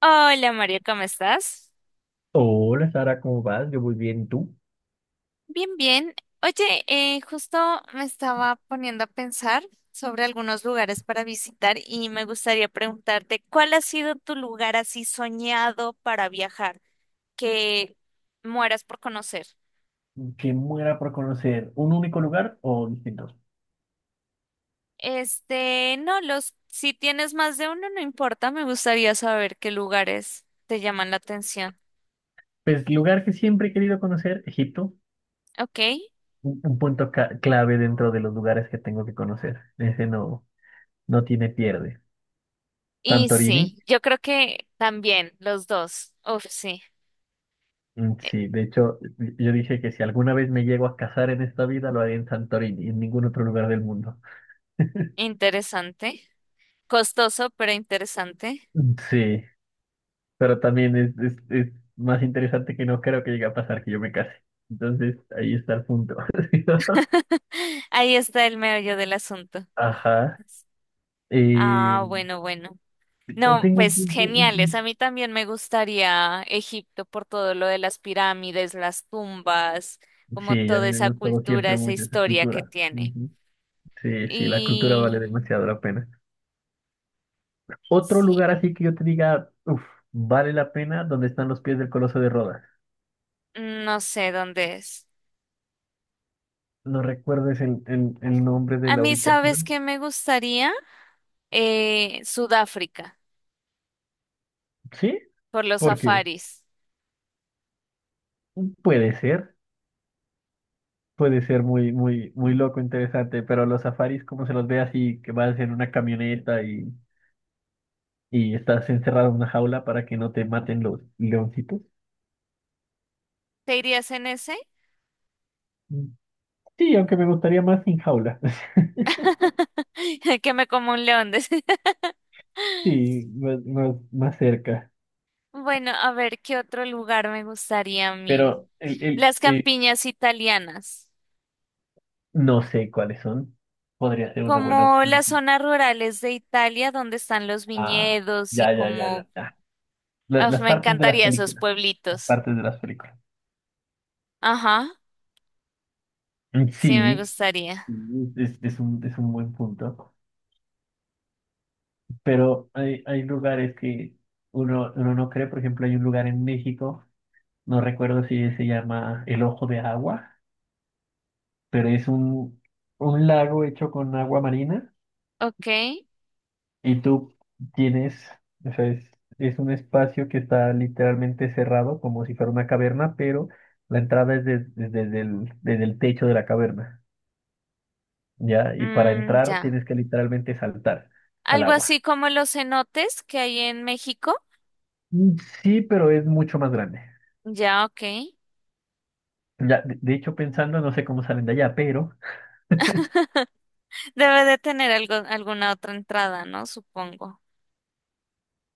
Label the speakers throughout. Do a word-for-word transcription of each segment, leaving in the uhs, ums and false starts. Speaker 1: Hola, María, ¿cómo estás?
Speaker 2: Hola, Sara, ¿cómo vas? Yo muy bien, ¿y tú?
Speaker 1: Bien, bien. Oye, eh, justo me estaba poniendo a pensar sobre algunos lugares para visitar y me gustaría preguntarte, ¿cuál ha sido tu lugar así soñado para viajar que mueras por conocer?
Speaker 2: ¿Qué muera por conocer un único lugar o distintos?
Speaker 1: Este, no, los, si tienes más de uno, no importa, me gustaría saber qué lugares te llaman la atención.
Speaker 2: Pues lugar que siempre he querido conocer, Egipto,
Speaker 1: Ok.
Speaker 2: un, un punto ca- clave dentro de los lugares que tengo que conocer. Ese no, no tiene pierde.
Speaker 1: Y
Speaker 2: Santorini,
Speaker 1: sí, yo creo que también los dos. Uf, sí.
Speaker 2: mm,
Speaker 1: Eh,
Speaker 2: sí, de hecho yo dije que si alguna vez me llego a casar en esta vida lo haré en Santorini, en ningún otro lugar del mundo.
Speaker 1: Interesante. Costoso, pero interesante.
Speaker 2: Mm, sí, pero también es, es, es más interesante que no creo que llegue a pasar que yo me case. Entonces ahí está el punto.
Speaker 1: Ahí está el meollo del asunto.
Speaker 2: Ajá. Eh,
Speaker 1: Ah, bueno, bueno. No,
Speaker 2: tengo un
Speaker 1: pues
Speaker 2: punto.
Speaker 1: geniales.
Speaker 2: un-
Speaker 1: A mí también me gustaría Egipto por todo lo de las pirámides, las tumbas,
Speaker 2: un- Sí,
Speaker 1: como
Speaker 2: a
Speaker 1: toda
Speaker 2: mí me ha
Speaker 1: esa
Speaker 2: gustado
Speaker 1: cultura,
Speaker 2: siempre
Speaker 1: esa
Speaker 2: mucho esa
Speaker 1: historia que
Speaker 2: cultura.
Speaker 1: tiene.
Speaker 2: Ujú. Sí, sí, la cultura vale
Speaker 1: Y
Speaker 2: demasiado la pena. Otro
Speaker 1: sí,
Speaker 2: lugar así que yo te diga, uff, vale la pena, donde están los pies del Coloso de Rodas.
Speaker 1: no sé dónde es.
Speaker 2: ¿No recuerdes el, el, el nombre de
Speaker 1: A
Speaker 2: la
Speaker 1: mí, ¿sabes
Speaker 2: ubicación?
Speaker 1: qué me gustaría? Eh, Sudáfrica,
Speaker 2: Sí,
Speaker 1: por los
Speaker 2: porque
Speaker 1: safaris.
Speaker 2: puede ser, puede ser muy, muy, muy loco, interesante, pero los safaris, como se los ve así, que vas en una camioneta y, y estás encerrado en una jaula para que no te maten los leoncitos.
Speaker 1: ¿Te irías en ese?
Speaker 2: Sí, aunque me gustaría más sin jaula.
Speaker 1: Que me como un león, decía.
Speaker 2: Sí, más, más, más cerca.
Speaker 1: Bueno, a ver, ¿qué otro lugar me gustaría a mí?
Speaker 2: Pero el, el,
Speaker 1: Las
Speaker 2: el-
Speaker 1: campiñas italianas,
Speaker 2: no sé cuáles son. Podría ser una buena
Speaker 1: como
Speaker 2: opción.
Speaker 1: las zonas rurales de Italia donde están los
Speaker 2: Ah,
Speaker 1: viñedos y
Speaker 2: ya, ya, ya,
Speaker 1: como...
Speaker 2: ya, ya. La-
Speaker 1: Uf,
Speaker 2: las
Speaker 1: me
Speaker 2: partes de las
Speaker 1: encantaría esos
Speaker 2: películas. Las
Speaker 1: pueblitos.
Speaker 2: partes de las películas.
Speaker 1: Ajá,
Speaker 2: Mm,
Speaker 1: sí me
Speaker 2: sí,
Speaker 1: gustaría.
Speaker 2: mm, es, es un, es un buen punto. Pero hay, hay lugares que uno, uno no cree. Por ejemplo, hay un lugar en México, no recuerdo si se llama El Ojo de Agua, pero es un, un lago hecho con agua marina.
Speaker 1: Ok,
Speaker 2: Y tú tienes, o sea, es, es un espacio que está literalmente cerrado, como si fuera una caverna, pero la entrada es des- desde, el, desde el techo de la caverna, ¿ya? Y para
Speaker 1: mm,
Speaker 2: entrar
Speaker 1: ya.
Speaker 2: tienes que literalmente saltar al
Speaker 1: Algo
Speaker 2: agua.
Speaker 1: así como los cenotes que hay en México.
Speaker 2: Mm, sí, pero es mucho más grande.
Speaker 1: Ya, ok.
Speaker 2: Ya, de, de hecho, pensando, no sé cómo salen de allá, pero
Speaker 1: Debe de tener algo, alguna otra entrada, ¿no? Supongo.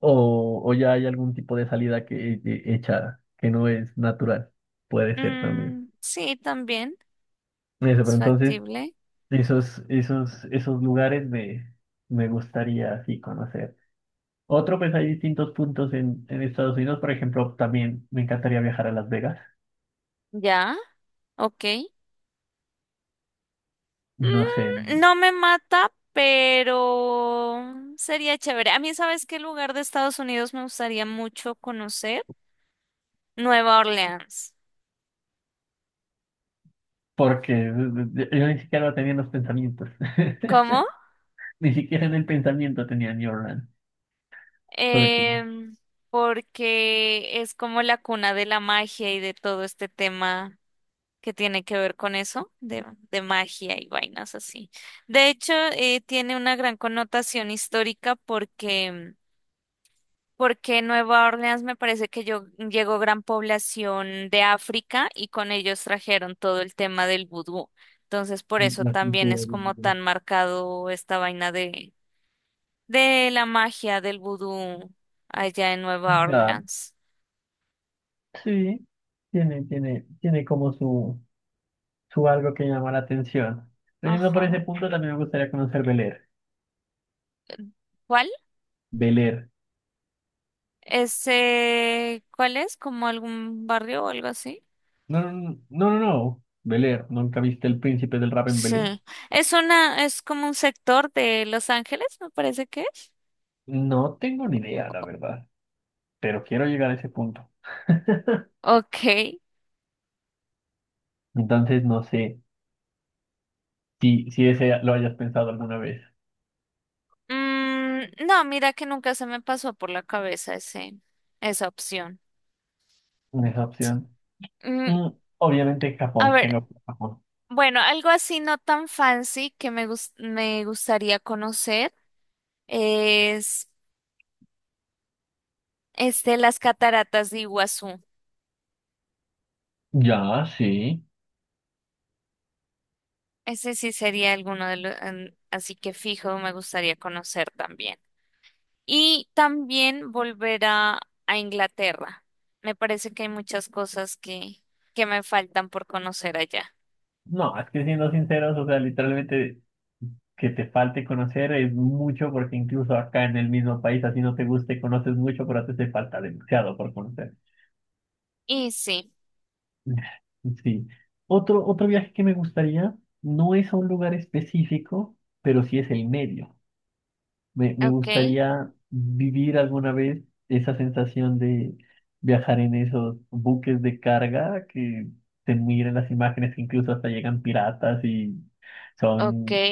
Speaker 2: o, o ya hay algún tipo de salida que, que hecha que no es natural. Puede ser también.
Speaker 1: Mm, sí, también
Speaker 2: Eso, pero
Speaker 1: es
Speaker 2: entonces.
Speaker 1: factible.
Speaker 2: Esos, esos, esos lugares me, me gustaría así conocer. Otro, pues hay distintos puntos en, en Estados Unidos. Por ejemplo, también me encantaría viajar a Las Vegas.
Speaker 1: Ya, ok.
Speaker 2: No sé,
Speaker 1: Mm, no me mata, pero sería chévere. A mí, ¿sabes qué lugar de Estados Unidos me gustaría mucho conocer? Nueva Orleans.
Speaker 2: porque eh, eh, yo ni siquiera tenía en los pensamientos.
Speaker 1: ¿Cómo?
Speaker 2: Ni siquiera en el pensamiento tenía New Orleans. Porque
Speaker 1: Em, Porque es como la cuna de la magia y de todo este tema que tiene que ver con eso, de, de magia y vainas así. De hecho, eh, tiene una gran connotación histórica porque porque Nueva Orleans, me parece que yo, llegó gran población de África y con ellos trajeron todo el tema del vudú. Entonces, por eso
Speaker 2: la
Speaker 1: también es
Speaker 2: cultura.
Speaker 1: como
Speaker 2: de-
Speaker 1: tan marcado esta vaina de, de la magia del vudú allá en Nueva
Speaker 2: Ya,
Speaker 1: Orleans.
Speaker 2: sí, tiene, tiene, tiene como su, su algo que llama la atención. Pero yendo por ese
Speaker 1: Ajá.
Speaker 2: punto, también me gustaría conocer Bel Air.
Speaker 1: ¿Cuál?
Speaker 2: Bel Air.
Speaker 1: Ese, ¿cuál es? ¿Como algún barrio o algo así?
Speaker 2: No, no, no, no, no, no. Bel-Air, ¿nunca viste El Príncipe del Rap en
Speaker 1: Sí.
Speaker 2: Bel-Air?
Speaker 1: Es una, es como un sector de Los Ángeles, me parece que es.
Speaker 2: No tengo ni idea, la verdad, pero quiero llegar a ese punto.
Speaker 1: Ok.
Speaker 2: Entonces, no sé si, si ese lo hayas pensado alguna vez,
Speaker 1: Mm, no, mira que nunca se me pasó por la cabeza ese, esa opción.
Speaker 2: esa opción.
Speaker 1: Mm,
Speaker 2: Mm, obviamente
Speaker 1: a
Speaker 2: Japón,
Speaker 1: ver,
Speaker 2: tengo que- Japón.
Speaker 1: bueno, algo así no tan fancy que me gus- me gustaría conocer es este, las cataratas de Iguazú.
Speaker 2: Ya, sí.
Speaker 1: Ese sí sería alguno de los, así que fijo, me gustaría conocer también. Y también volver a, a Inglaterra. Me parece que hay muchas cosas que, que me faltan por conocer allá.
Speaker 2: No, es que siendo sinceros, o sea, literalmente que te falte conocer es mucho porque incluso acá en el mismo país, así no te guste, conoces mucho, pero te hace falta demasiado por conocer.
Speaker 1: Y sí,
Speaker 2: Sí. Otro, otro viaje que me gustaría no es a un lugar específico, pero sí es el medio. Me, me
Speaker 1: ok.
Speaker 2: gustaría vivir alguna vez esa sensación de viajar en esos buques de carga que se miran las imágenes, que incluso hasta llegan piratas y
Speaker 1: Ok.
Speaker 2: son,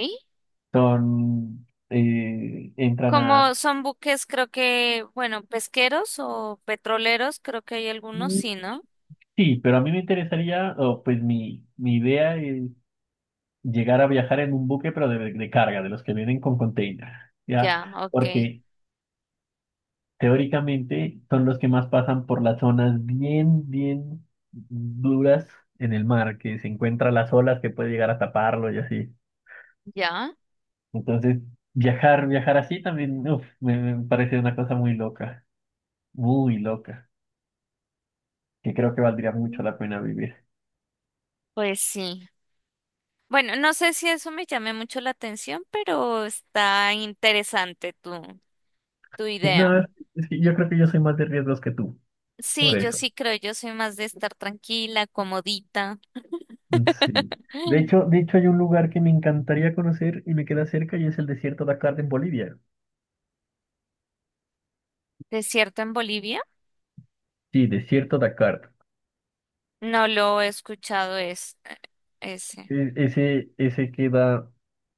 Speaker 2: son, eh, entran a...
Speaker 1: Como son buques, creo que, bueno, pesqueros o petroleros, creo que hay algunos,
Speaker 2: Mm,
Speaker 1: sí, ¿no?
Speaker 2: sí, pero a mí me interesaría, o pues mi, mi idea es llegar a viajar en un buque, pero de, de carga, de los que vienen con container, ¿ya?
Speaker 1: Ya, ok,
Speaker 2: Porque teóricamente son los que más pasan por las zonas bien, bien duras en el mar, que se encuentran las olas que puede llegar a taparlo y así.
Speaker 1: ya.
Speaker 2: Entonces, viajar, viajar así también, uf, me, me parece una cosa muy loca, muy loca, que creo que valdría mucho
Speaker 1: Mm.
Speaker 2: la pena vivir.
Speaker 1: Pues sí. Bueno, no sé si eso me llame mucho la atención, pero está interesante tu, tu
Speaker 2: Sí,
Speaker 1: idea.
Speaker 2: no, es- es que yo creo que yo soy más de riesgos que tú,
Speaker 1: Sí,
Speaker 2: por
Speaker 1: yo
Speaker 2: eso.
Speaker 1: sí creo, yo soy más de estar tranquila, comodita.
Speaker 2: Sí. De hecho, de hecho, hay un lugar que me encantaría conocer y me queda cerca y es el desierto Dakar en Bolivia.
Speaker 1: ¿Desierto en Bolivia?
Speaker 2: Sí, desierto Dakar.
Speaker 1: No lo he escuchado es, eh, ese.
Speaker 2: E- ese, ese queda,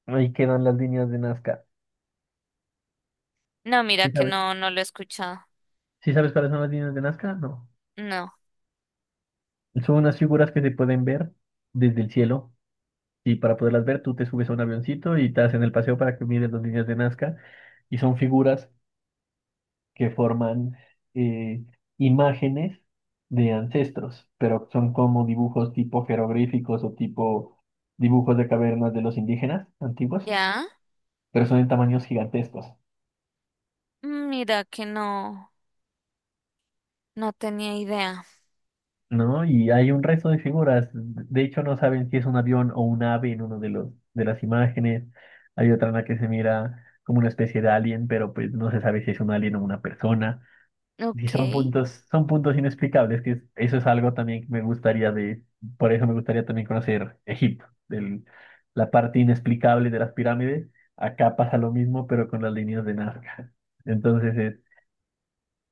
Speaker 2: ahí quedan las líneas de Nazca.
Speaker 1: No, mira
Speaker 2: ¿Sí
Speaker 1: que
Speaker 2: sabes?
Speaker 1: no, no lo he escuchado.
Speaker 2: ¿Sí sabes cuáles son las líneas de Nazca? No.
Speaker 1: No.
Speaker 2: Son unas figuras que se pueden ver desde el cielo. Y para poderlas ver, tú te subes a un avioncito y te hacen el paseo para que mires las líneas de Nazca. Y son figuras que forman eh, imágenes de ancestros, pero son como dibujos tipo jeroglíficos o tipo dibujos de cavernas de los indígenas antiguos,
Speaker 1: ¿Ya?
Speaker 2: pero son en tamaños gigantescos,
Speaker 1: Mm, mira que no, no tenía idea.
Speaker 2: ¿no? Y hay un resto de figuras. De hecho, no saben si es un avión o un ave en uno de los de las imágenes. Hay otra en la que se mira como una especie de alien, pero pues no se sabe si es un alien o una persona. Sí,
Speaker 1: Ok,
Speaker 2: son puntos, son puntos inexplicables, que es- eso es algo también que me gustaría de, por eso me gustaría también conocer Egipto, del- la parte inexplicable de las pirámides. Acá pasa lo mismo, pero con las líneas de Nazca. Entonces es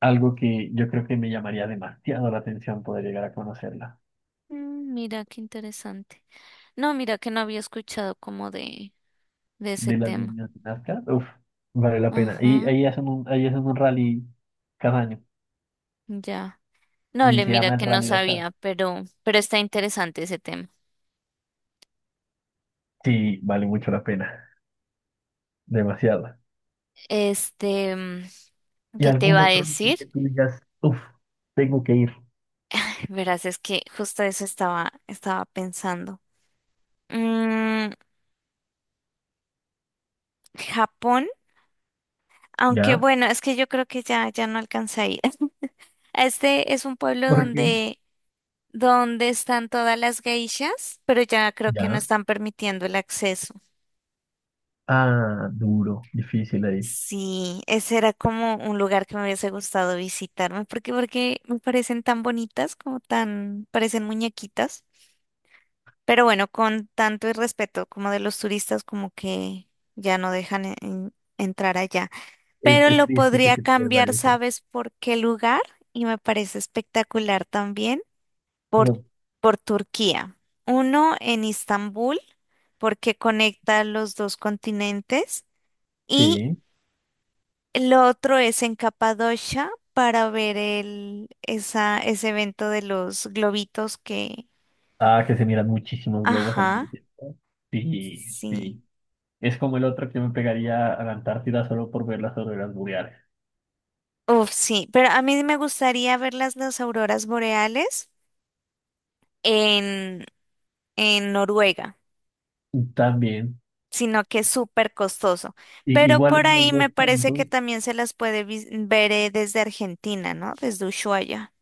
Speaker 2: algo que yo creo que me llamaría demasiado la atención poder llegar a conocerla.
Speaker 1: mm, mira qué interesante. No, mira que no había escuchado como de, de ese
Speaker 2: De las
Speaker 1: tema.
Speaker 2: líneas de Nazca, uff, vale la pena. Y
Speaker 1: Ajá,
Speaker 2: ahí hacen un, ahí hacen un rally cada año,
Speaker 1: ya. No,
Speaker 2: ni
Speaker 1: le
Speaker 2: se
Speaker 1: mira
Speaker 2: llama el
Speaker 1: que no
Speaker 2: Rally Dakar.
Speaker 1: sabía, pero, pero está interesante ese tema.
Speaker 2: Sí, vale mucho la pena, demasiado.
Speaker 1: Este, mm,
Speaker 2: Y
Speaker 1: ¿qué te
Speaker 2: algún
Speaker 1: iba a
Speaker 2: otro lugar
Speaker 1: decir?
Speaker 2: que tú digas, uff, tengo que ir.
Speaker 1: Verás, es que justo eso estaba, estaba pensando. Mm, Japón, aunque
Speaker 2: Ya,
Speaker 1: bueno, es que yo creo que ya, ya no alcanza a ir. Este es un pueblo
Speaker 2: porque,
Speaker 1: donde donde están todas las geishas, pero ya creo que no
Speaker 2: ya.
Speaker 1: están permitiendo el acceso.
Speaker 2: Ah, duro, difícil ahí.
Speaker 1: Sí, ese era como un lugar que me hubiese gustado visitarme, porque porque me parecen tan bonitas, como tan, parecen muñequitas, pero bueno, con tanto irrespeto como de los turistas, como que ya no dejan en- en- entrar allá.
Speaker 2: Es,
Speaker 1: Pero
Speaker 2: es
Speaker 1: lo
Speaker 2: triste que
Speaker 1: podría
Speaker 2: te pierda
Speaker 1: cambiar,
Speaker 2: eso.
Speaker 1: ¿sabes por qué lugar? Y me parece espectacular también. por,
Speaker 2: No,
Speaker 1: por Turquía, uno en Istambul, porque conecta los dos continentes, y
Speaker 2: sí.
Speaker 1: el otro es en Capadocia para ver el, esa, ese evento de los globitos que...
Speaker 2: Ah, que se miran muchísimos globos al
Speaker 1: Ajá,
Speaker 2: mismo tiempo. Sí,
Speaker 1: sí.
Speaker 2: sí. Es como el otro que me pegaría a la Antártida solo por ver las auroras boreales.
Speaker 1: Uf, sí, pero a mí me gustaría ver las, las auroras boreales en, en Noruega,
Speaker 2: También.
Speaker 1: sino que es súper costoso.
Speaker 2: I-
Speaker 1: Pero
Speaker 2: igual
Speaker 1: por
Speaker 2: en los
Speaker 1: ahí
Speaker 2: dos
Speaker 1: me parece que
Speaker 2: puntos,
Speaker 1: también se las puede vis- ver, eh, desde Argentina, ¿no? Desde Ushuaia.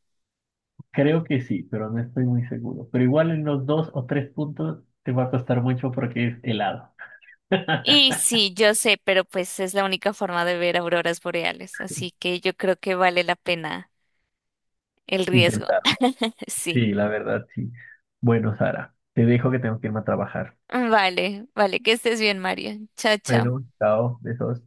Speaker 2: creo que sí, pero no estoy muy seguro. Pero igual en los dos o tres puntos te va a costar mucho porque es helado.
Speaker 1: Y sí, yo sé, pero pues es la única forma de ver auroras boreales, así que yo creo que vale la pena el riesgo.
Speaker 2: Intentar
Speaker 1: Sí.
Speaker 2: sí, la verdad, sí. Bueno, Sara, te dejo que tengo que irme a trabajar.
Speaker 1: Vale, vale, que estés bien, María. Chao, chao.
Speaker 2: Bueno, chao, besos.